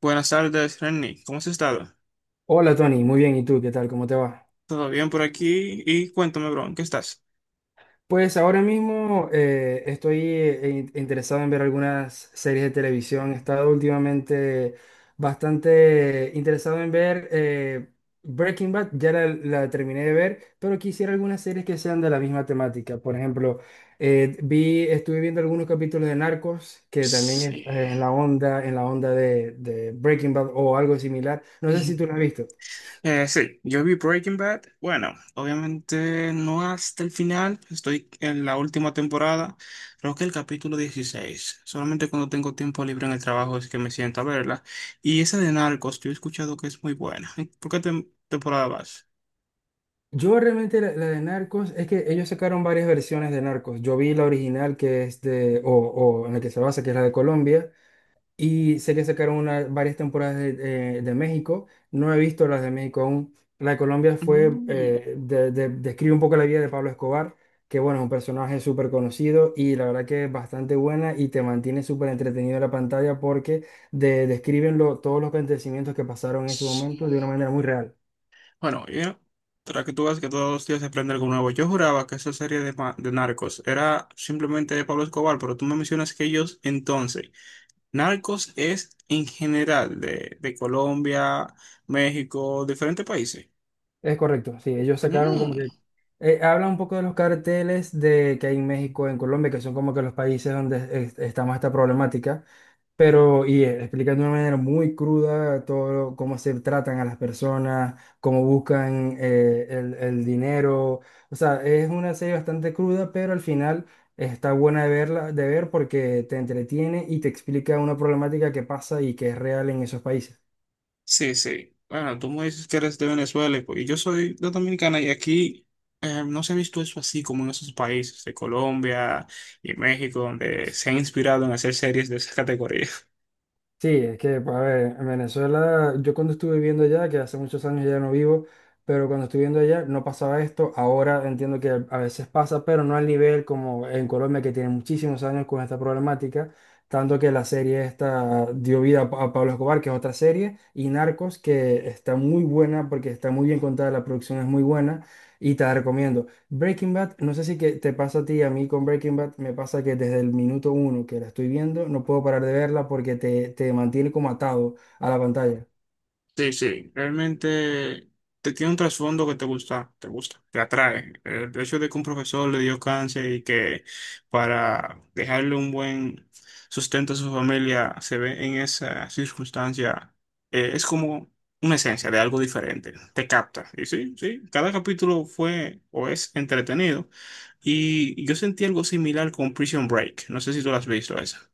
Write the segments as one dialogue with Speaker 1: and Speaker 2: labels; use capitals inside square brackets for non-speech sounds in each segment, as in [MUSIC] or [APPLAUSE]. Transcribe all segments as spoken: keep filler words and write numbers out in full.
Speaker 1: Buenas tardes, Renny. ¿Cómo has estado?
Speaker 2: Hola Tony, muy bien. ¿Y tú qué tal? ¿Cómo te va?
Speaker 1: ¿Todo bien por aquí? Y cuéntame, bro, ¿en qué estás?
Speaker 2: Pues ahora mismo eh, estoy eh, in- interesado en ver algunas series de televisión. He estado últimamente bastante interesado en ver eh, Breaking Bad, ya la, la terminé de ver, pero quisiera algunas series que sean de la misma temática. Por ejemplo, eh, vi, estuve viendo algunos capítulos de Narcos, que también es eh,
Speaker 1: Sí.
Speaker 2: en la onda, en la onda de, de Breaking Bad o algo similar. No sé si tú
Speaker 1: [LAUGHS]
Speaker 2: lo has visto.
Speaker 1: Eh, sí, yo vi Breaking Bad. Bueno, obviamente no hasta el final. Estoy en la última temporada. Creo que el capítulo dieciséis. Solamente cuando tengo tiempo libre en el trabajo es que me siento a verla. Y esa de Narcos, yo he escuchado que es muy buena. ¿Por qué tem- temporada vas?
Speaker 2: Yo realmente la, la de Narcos, es que ellos sacaron varias versiones de Narcos. Yo vi la original que es de, o, o en la que se basa, que es la de Colombia, y sé que sacaron una- varias temporadas de, eh, de México. No he visto las de México aún. La de Colombia fue,
Speaker 1: Mm,
Speaker 2: eh, de- de- describe un poco la vida de Pablo Escobar, que bueno, es un personaje súper conocido y la verdad que es bastante buena y te mantiene súper entretenido en la pantalla porque de- describen lo- todos los acontecimientos que pasaron en ese
Speaker 1: sí.
Speaker 2: momento de una manera muy real.
Speaker 1: Bueno, y tras que tú ves que todos los días se prende algo nuevo. Yo juraba que esa serie de, ma- de Narcos era simplemente de Pablo Escobar, pero tú me mencionas que ellos entonces. Narcos es en general de, de Colombia, México, diferentes países.
Speaker 2: Es correcto, sí, ellos sacaron como
Speaker 1: Mm,
Speaker 2: que, eh, habla un poco de los carteles de que hay en México, en Colombia, que son como que los países donde es- está más esta problemática, pero y eh, explican de una manera muy cruda todo lo- cómo se tratan a las personas, cómo buscan eh, el, el dinero, o sea, es una serie bastante cruda, pero al final está buena de verla, de ver porque te entretiene y te explica una problemática que pasa y que es real en esos países.
Speaker 1: sí, sí. Bueno, tú me dices que eres de Venezuela y pues, y yo soy de Dominicana y aquí eh, no se ha visto eso así como en esos países de Colombia y México, donde se ha inspirado en hacer series de esa categoría.
Speaker 2: Sí, es que, pues, a ver, en Venezuela, yo cuando estuve viviendo allá, que hace muchos años ya no vivo, pero cuando estuve viviendo allá no pasaba esto. Ahora entiendo que a veces pasa, pero no al nivel como en Colombia, que tiene muchísimos años con esta problemática, tanto que la serie esta dio vida a, Pa- a Pablo Escobar, que es otra serie, y Narcos, que está muy buena porque está muy bien contada, la producción es muy buena, y te la recomiendo. Breaking Bad, no sé si que te pasa a ti, a mí con Breaking Bad me pasa que desde el minuto uno que la estoy viendo no puedo parar de verla porque te, te mantiene como atado a la pantalla.
Speaker 1: Sí, sí, realmente te tiene un trasfondo que te gusta, te gusta, te atrae. El hecho de que un profesor le dio cáncer y que para dejarle un buen sustento a su familia se ve en esa circunstancia, eh, es como una esencia de algo diferente, te capta. Y sí, sí, cada capítulo fue o es entretenido. Y yo sentí algo similar con Prison Break, no sé si tú lo has visto esa.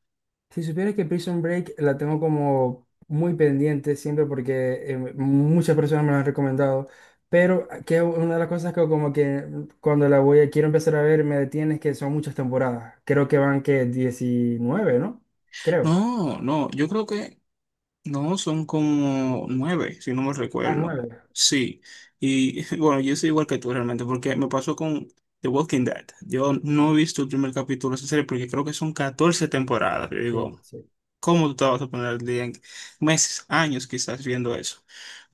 Speaker 2: Si supieras que Prison Break la tengo como muy pendiente siempre porque eh, muchas personas me la han recomendado, pero que una de las cosas que como que cuando la voy a, quiero empezar a ver me detiene es que son muchas temporadas. Creo que van que diecinueve, ¿no? Creo.
Speaker 1: No, no, yo creo que no, son como nueve, si no me
Speaker 2: Ah,
Speaker 1: recuerdo.
Speaker 2: nueve.
Speaker 1: Sí. Y [LAUGHS] bueno, yo soy igual que tú realmente, porque me pasó con The Walking Dead. Yo no he visto el primer capítulo de esa serie porque creo que son catorce temporadas. Yo
Speaker 2: Sí,
Speaker 1: digo,
Speaker 2: sí.
Speaker 1: ¿cómo tú te vas a poner al día en meses, años quizás viendo eso?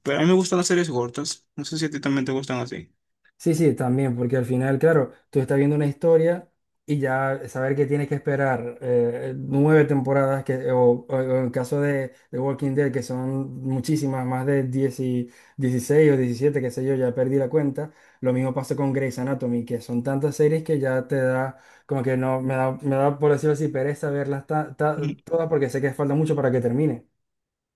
Speaker 1: Pero a mí me gustan las series cortas. No sé si a ti también te gustan así.
Speaker 2: Sí, sí, también, porque al final, claro, tú estás viendo una historia y ya saber que tienes que esperar eh, nueve temporadas, que, o, o en el caso de, de Walking Dead, que son muchísimas, más de diez y- dieciséis o diecisiete, qué sé yo, ya perdí la cuenta. Lo mismo pasa con Grey's Anatomy, que son tantas series que ya te da, como que no, me da, me da por decirlo así, pereza verlas ta- ta- todas porque sé que falta mucho para que termine.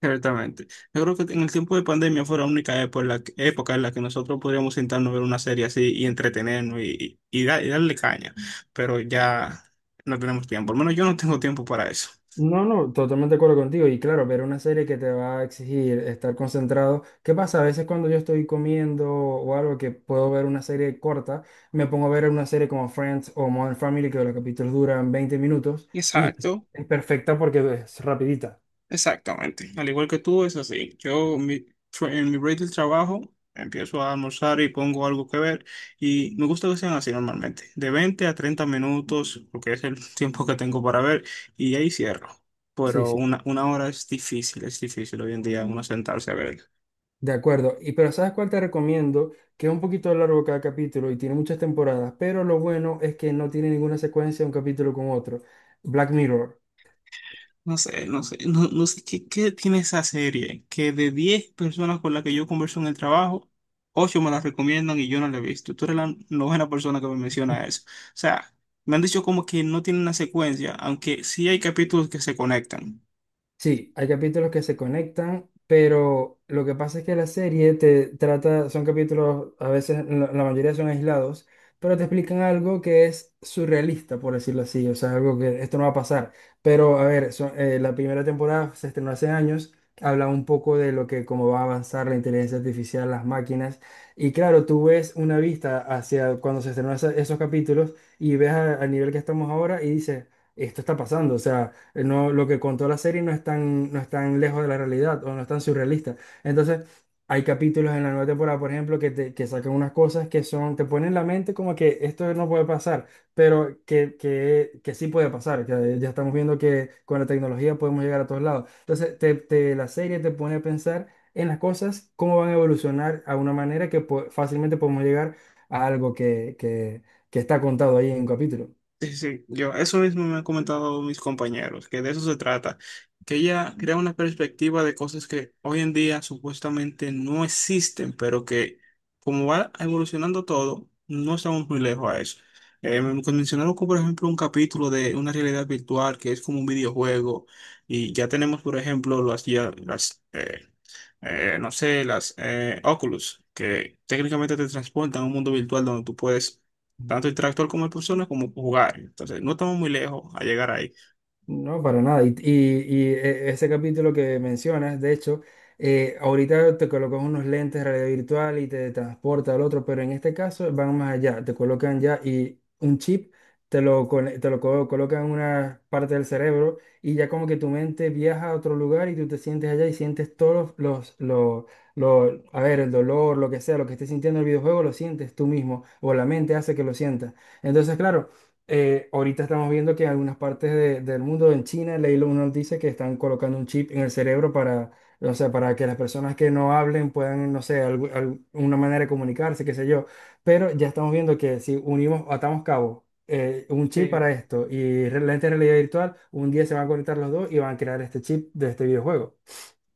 Speaker 1: Ciertamente. Yo creo que en el tiempo de pandemia fue la única época en la que, época en la que nosotros podríamos sentarnos a ver una serie así y entretenernos y, y, da- y darle caña, pero ya no tenemos tiempo, al menos yo no tengo tiempo para eso.
Speaker 2: No, no, totalmente de acuerdo contigo. Y claro, ver una serie que te va a exigir estar concentrado. ¿Qué pasa? A veces cuando yo estoy comiendo o algo que puedo ver una serie corta, me pongo a ver una serie como Friends o Modern Family, que los capítulos duran veinte minutos y
Speaker 1: Exacto.
Speaker 2: es perfecta porque es rapidita.
Speaker 1: Exactamente. Al igual que tú, es así. Yo mi- tra- en mi break del trabajo empiezo a almorzar y pongo algo que ver y me gusta que sean así normalmente. De veinte a treinta minutos, porque es el [LAUGHS] tiempo que tengo para ver y ahí cierro.
Speaker 2: Sí,
Speaker 1: Pero
Speaker 2: sí,
Speaker 1: una, una hora es difícil, es difícil hoy en día uno sentarse a ver.
Speaker 2: de acuerdo. Y pero ¿sabes cuál te recomiendo? Que es un poquito largo cada capítulo y tiene muchas temporadas, pero lo bueno es que no tiene ninguna secuencia un capítulo con otro. Black Mirror.
Speaker 1: No sé, no sé, no, no sé qué, qué tiene esa serie, que de diez personas con las que yo converso en el trabajo, ocho me la recomiendan y yo no la he visto. Tú eres la novena persona que me menciona eso. O sea, me han dicho como que no tiene una secuencia, aunque sí hay capítulos que se conectan.
Speaker 2: Sí, hay capítulos que se conectan, pero lo que pasa es que la serie te trata, son capítulos, a veces la la mayoría son aislados, pero te explican algo que es surrealista, por decirlo así, o sea, algo que esto no va a pasar. Pero a ver, son- eh, la primera temporada se estrenó hace años, habla un poco de lo que, cómo va a avanzar la inteligencia artificial, las máquinas, y claro, tú ves una vista hacia cuando se estrenó esa- esos capítulos y ves a- al nivel que estamos ahora y dices, esto está pasando, o sea eh, No, lo que contó la serie no es tan, no es tan lejos de la realidad o no es tan surrealista. Entonces, hay capítulos en la nueva temporada, por ejemplo, que, te, que sacan unas cosas que son, te ponen en la mente como que esto no puede pasar, pero que, que, que sí puede pasar. Que ya estamos viendo que con la tecnología podemos llegar a todos lados. Entonces, te, te- la serie te pone a pensar en las cosas, cómo van a evolucionar a una manera que po- fácilmente podemos llegar a algo que, que, que está contado ahí en un capítulo.
Speaker 1: Sí, sí, sí. Yo eso mismo me han comentado mis compañeros, que de eso se trata, que ella crea una perspectiva de cosas que hoy en día supuestamente no existen, pero que como va evolucionando todo, no estamos muy lejos a eso. Eh, me mencionaron, como, por ejemplo, un capítulo de una realidad virtual que es como un videojuego y ya tenemos, por ejemplo, las, ya- las, eh, eh, no sé, las eh, Oculus, que técnicamente te transportan a un mundo virtual donde tú puedes tanto interactuar con las personas como jugar. Entonces, no estamos muy lejos a llegar ahí.
Speaker 2: No, para nada. Y, y- y, eh, ese capítulo que mencionas, de hecho, eh, ahorita te colocan unos lentes de realidad virtual y te transporta al otro, pero en este caso van más allá, te colocan ya y un chip, te lo, cone- te lo co- colocan en una parte del cerebro y ya como que tu mente viaja a otro lugar y tú te sientes allá y sientes todos los, los, los, los- a ver, el dolor, lo que sea, lo que estés sintiendo en el videojuego, lo sientes tú mismo o la mente hace que lo sientas. Entonces, claro eh, ahorita estamos viendo que en algunas partes de- del mundo, en China, leí Elon Musk dice que están colocando un chip en el cerebro para, o sea, para que las personas que no hablen puedan, no sé, algu- al- una manera de comunicarse, qué sé yo. Pero ya estamos viendo que si unimos, atamos cabo, eh, un chip para
Speaker 1: Sí.
Speaker 2: esto y re- lentes de realidad virtual, un día se van a conectar los dos y van a crear este chip de este videojuego.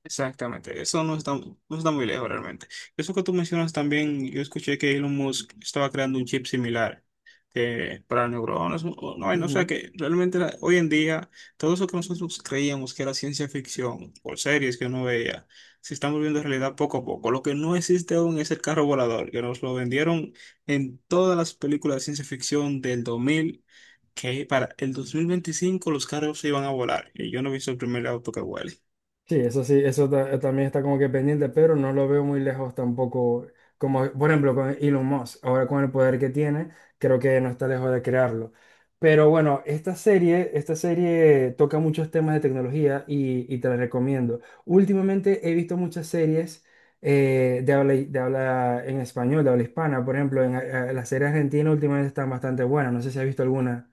Speaker 1: Exactamente, eso no está, no está muy lejos realmente. Eso que tú mencionas también, yo escuché que Elon Musk estaba creando un chip similar que para neuronas, o- o no, no, o sea que realmente la- hoy en día todo eso que nosotros creíamos que era ciencia ficción o series que uno veía, se están volviendo realidad poco a poco. Lo que no existe aún es el carro volador, que nos lo vendieron en todas las películas de ciencia ficción del dos mil, que para el dos mil veinticinco los carros se iban a volar y yo no he visto el primer auto que vuela.
Speaker 2: Sí, eso sí, eso ta- también está como que pendiente, pero no lo veo muy lejos tampoco. Como por ejemplo con Elon Musk, ahora con el poder que tiene, creo que no está lejos de crearlo. Pero bueno, esta serie, esta serie toca muchos temas de tecnología y, y te la recomiendo. Últimamente he visto muchas series eh, de habla, de habla en español, de habla hispana. Por ejemplo, en, eh, la serie argentina últimamente están bastante buenas. No sé si has visto alguna.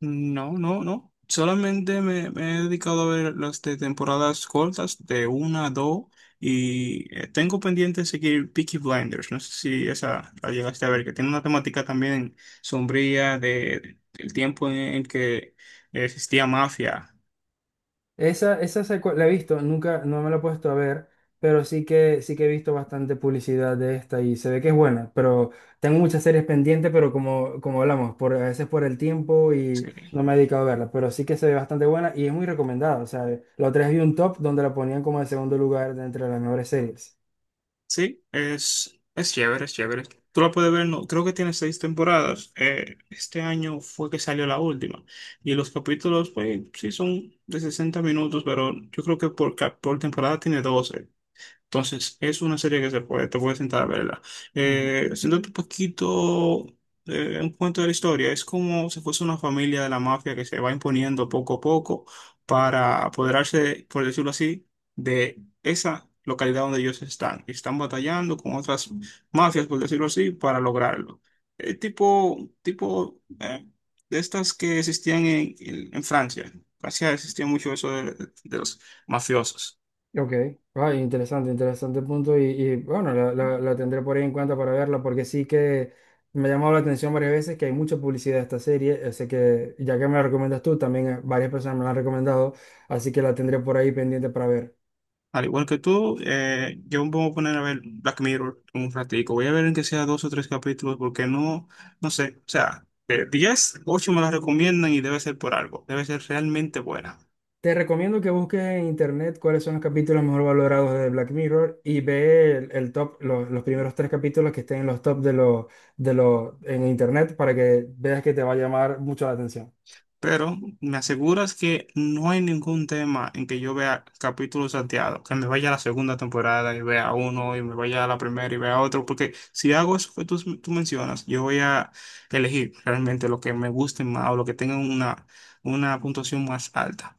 Speaker 1: No, no, no. Solamente me, me he dedicado a ver las de temporadas cortas, de una a dos, y eh, tengo pendiente seguir Peaky Blinders. No sé si esa la llegaste a ver, que tiene una temática también sombría de, del tiempo en, el que existía mafia.
Speaker 2: Esa, esa sé cuál- la he visto, nunca, no me la he puesto a ver, pero sí que, sí que he visto bastante publicidad de esta y se ve que es buena, pero tengo muchas series pendientes, pero como, como hablamos, por, a veces por el tiempo
Speaker 1: Sí.
Speaker 2: y no me he dedicado a verla, pero sí que se ve bastante buena y es muy recomendada, o sea, la otra vez vi un top donde la ponían como en segundo lugar de entre las mejores series.
Speaker 1: Sí, es, es chévere, es chévere. Tú la puedes ver, no, creo que tiene seis temporadas. Eh, este año fue que salió la última. Y los capítulos, pues, sí son de sesenta minutos, pero yo creo que por, cap- por temporada tiene doce. Entonces, es una serie que se puede, te puedes sentar a verla. Eh, siéntate un poquito eh, un cuento de la historia, es como si fuese una familia de la mafia que se va imponiendo poco a poco para apoderarse, por decirlo así, de esa localidad donde ellos están. Y están batallando con otras mafias, por decirlo así, para lograrlo. Eh, tipo, tipo eh, de estas que existían en, en, en Francia. Francia existía mucho eso de de los mafiosos.
Speaker 2: Ok, ay, interesante, interesante punto y, y, bueno, la, la- la tendré por ahí en cuenta para verla porque sí que me ha llamado la atención varias veces que hay mucha publicidad de esta serie, eh, sé que ya que me la recomiendas tú, también eh, varias personas me la han recomendado, así que la tendré por ahí pendiente para ver.
Speaker 1: Al igual que tú, eh, yo me voy a poner a ver Black Mirror un ratico. Voy a ver en que sea dos o tres capítulos porque no, no sé. O sea, de diez, ocho me la recomiendan y debe ser por algo. Debe ser realmente buena.
Speaker 2: Te recomiendo que busques en internet cuáles son los capítulos mejor valorados de Black Mirror y ve el, el top, los, los primeros tres capítulos que estén en los top de los, de los, en internet para que veas que te va a llamar mucho la atención.
Speaker 1: Pero me aseguras que no hay ningún tema en que yo vea capítulos salteados, que me vaya a la segunda temporada y vea uno y me vaya a la primera y vea otro. Porque si hago eso que tú, tú mencionas, yo voy a elegir realmente lo que me guste más o lo que tenga una, una puntuación más alta.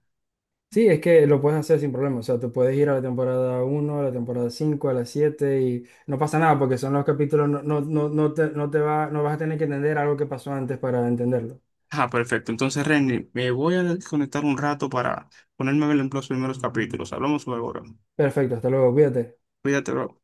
Speaker 2: Sí, es que lo puedes hacer sin problema. O sea, tú puedes ir a la temporada uno, a la temporada cinco, a la siete y no pasa nada porque son los capítulos, no, no, no, no te, no te va, no vas a tener que entender algo que pasó antes para entenderlo.
Speaker 1: Ah, perfecto. Entonces, Renny, me voy a desconectar un rato para ponerme a ver los primeros capítulos. Hablamos luego, bro.
Speaker 2: Perfecto, hasta luego, cuídate.
Speaker 1: Cuídate, bro.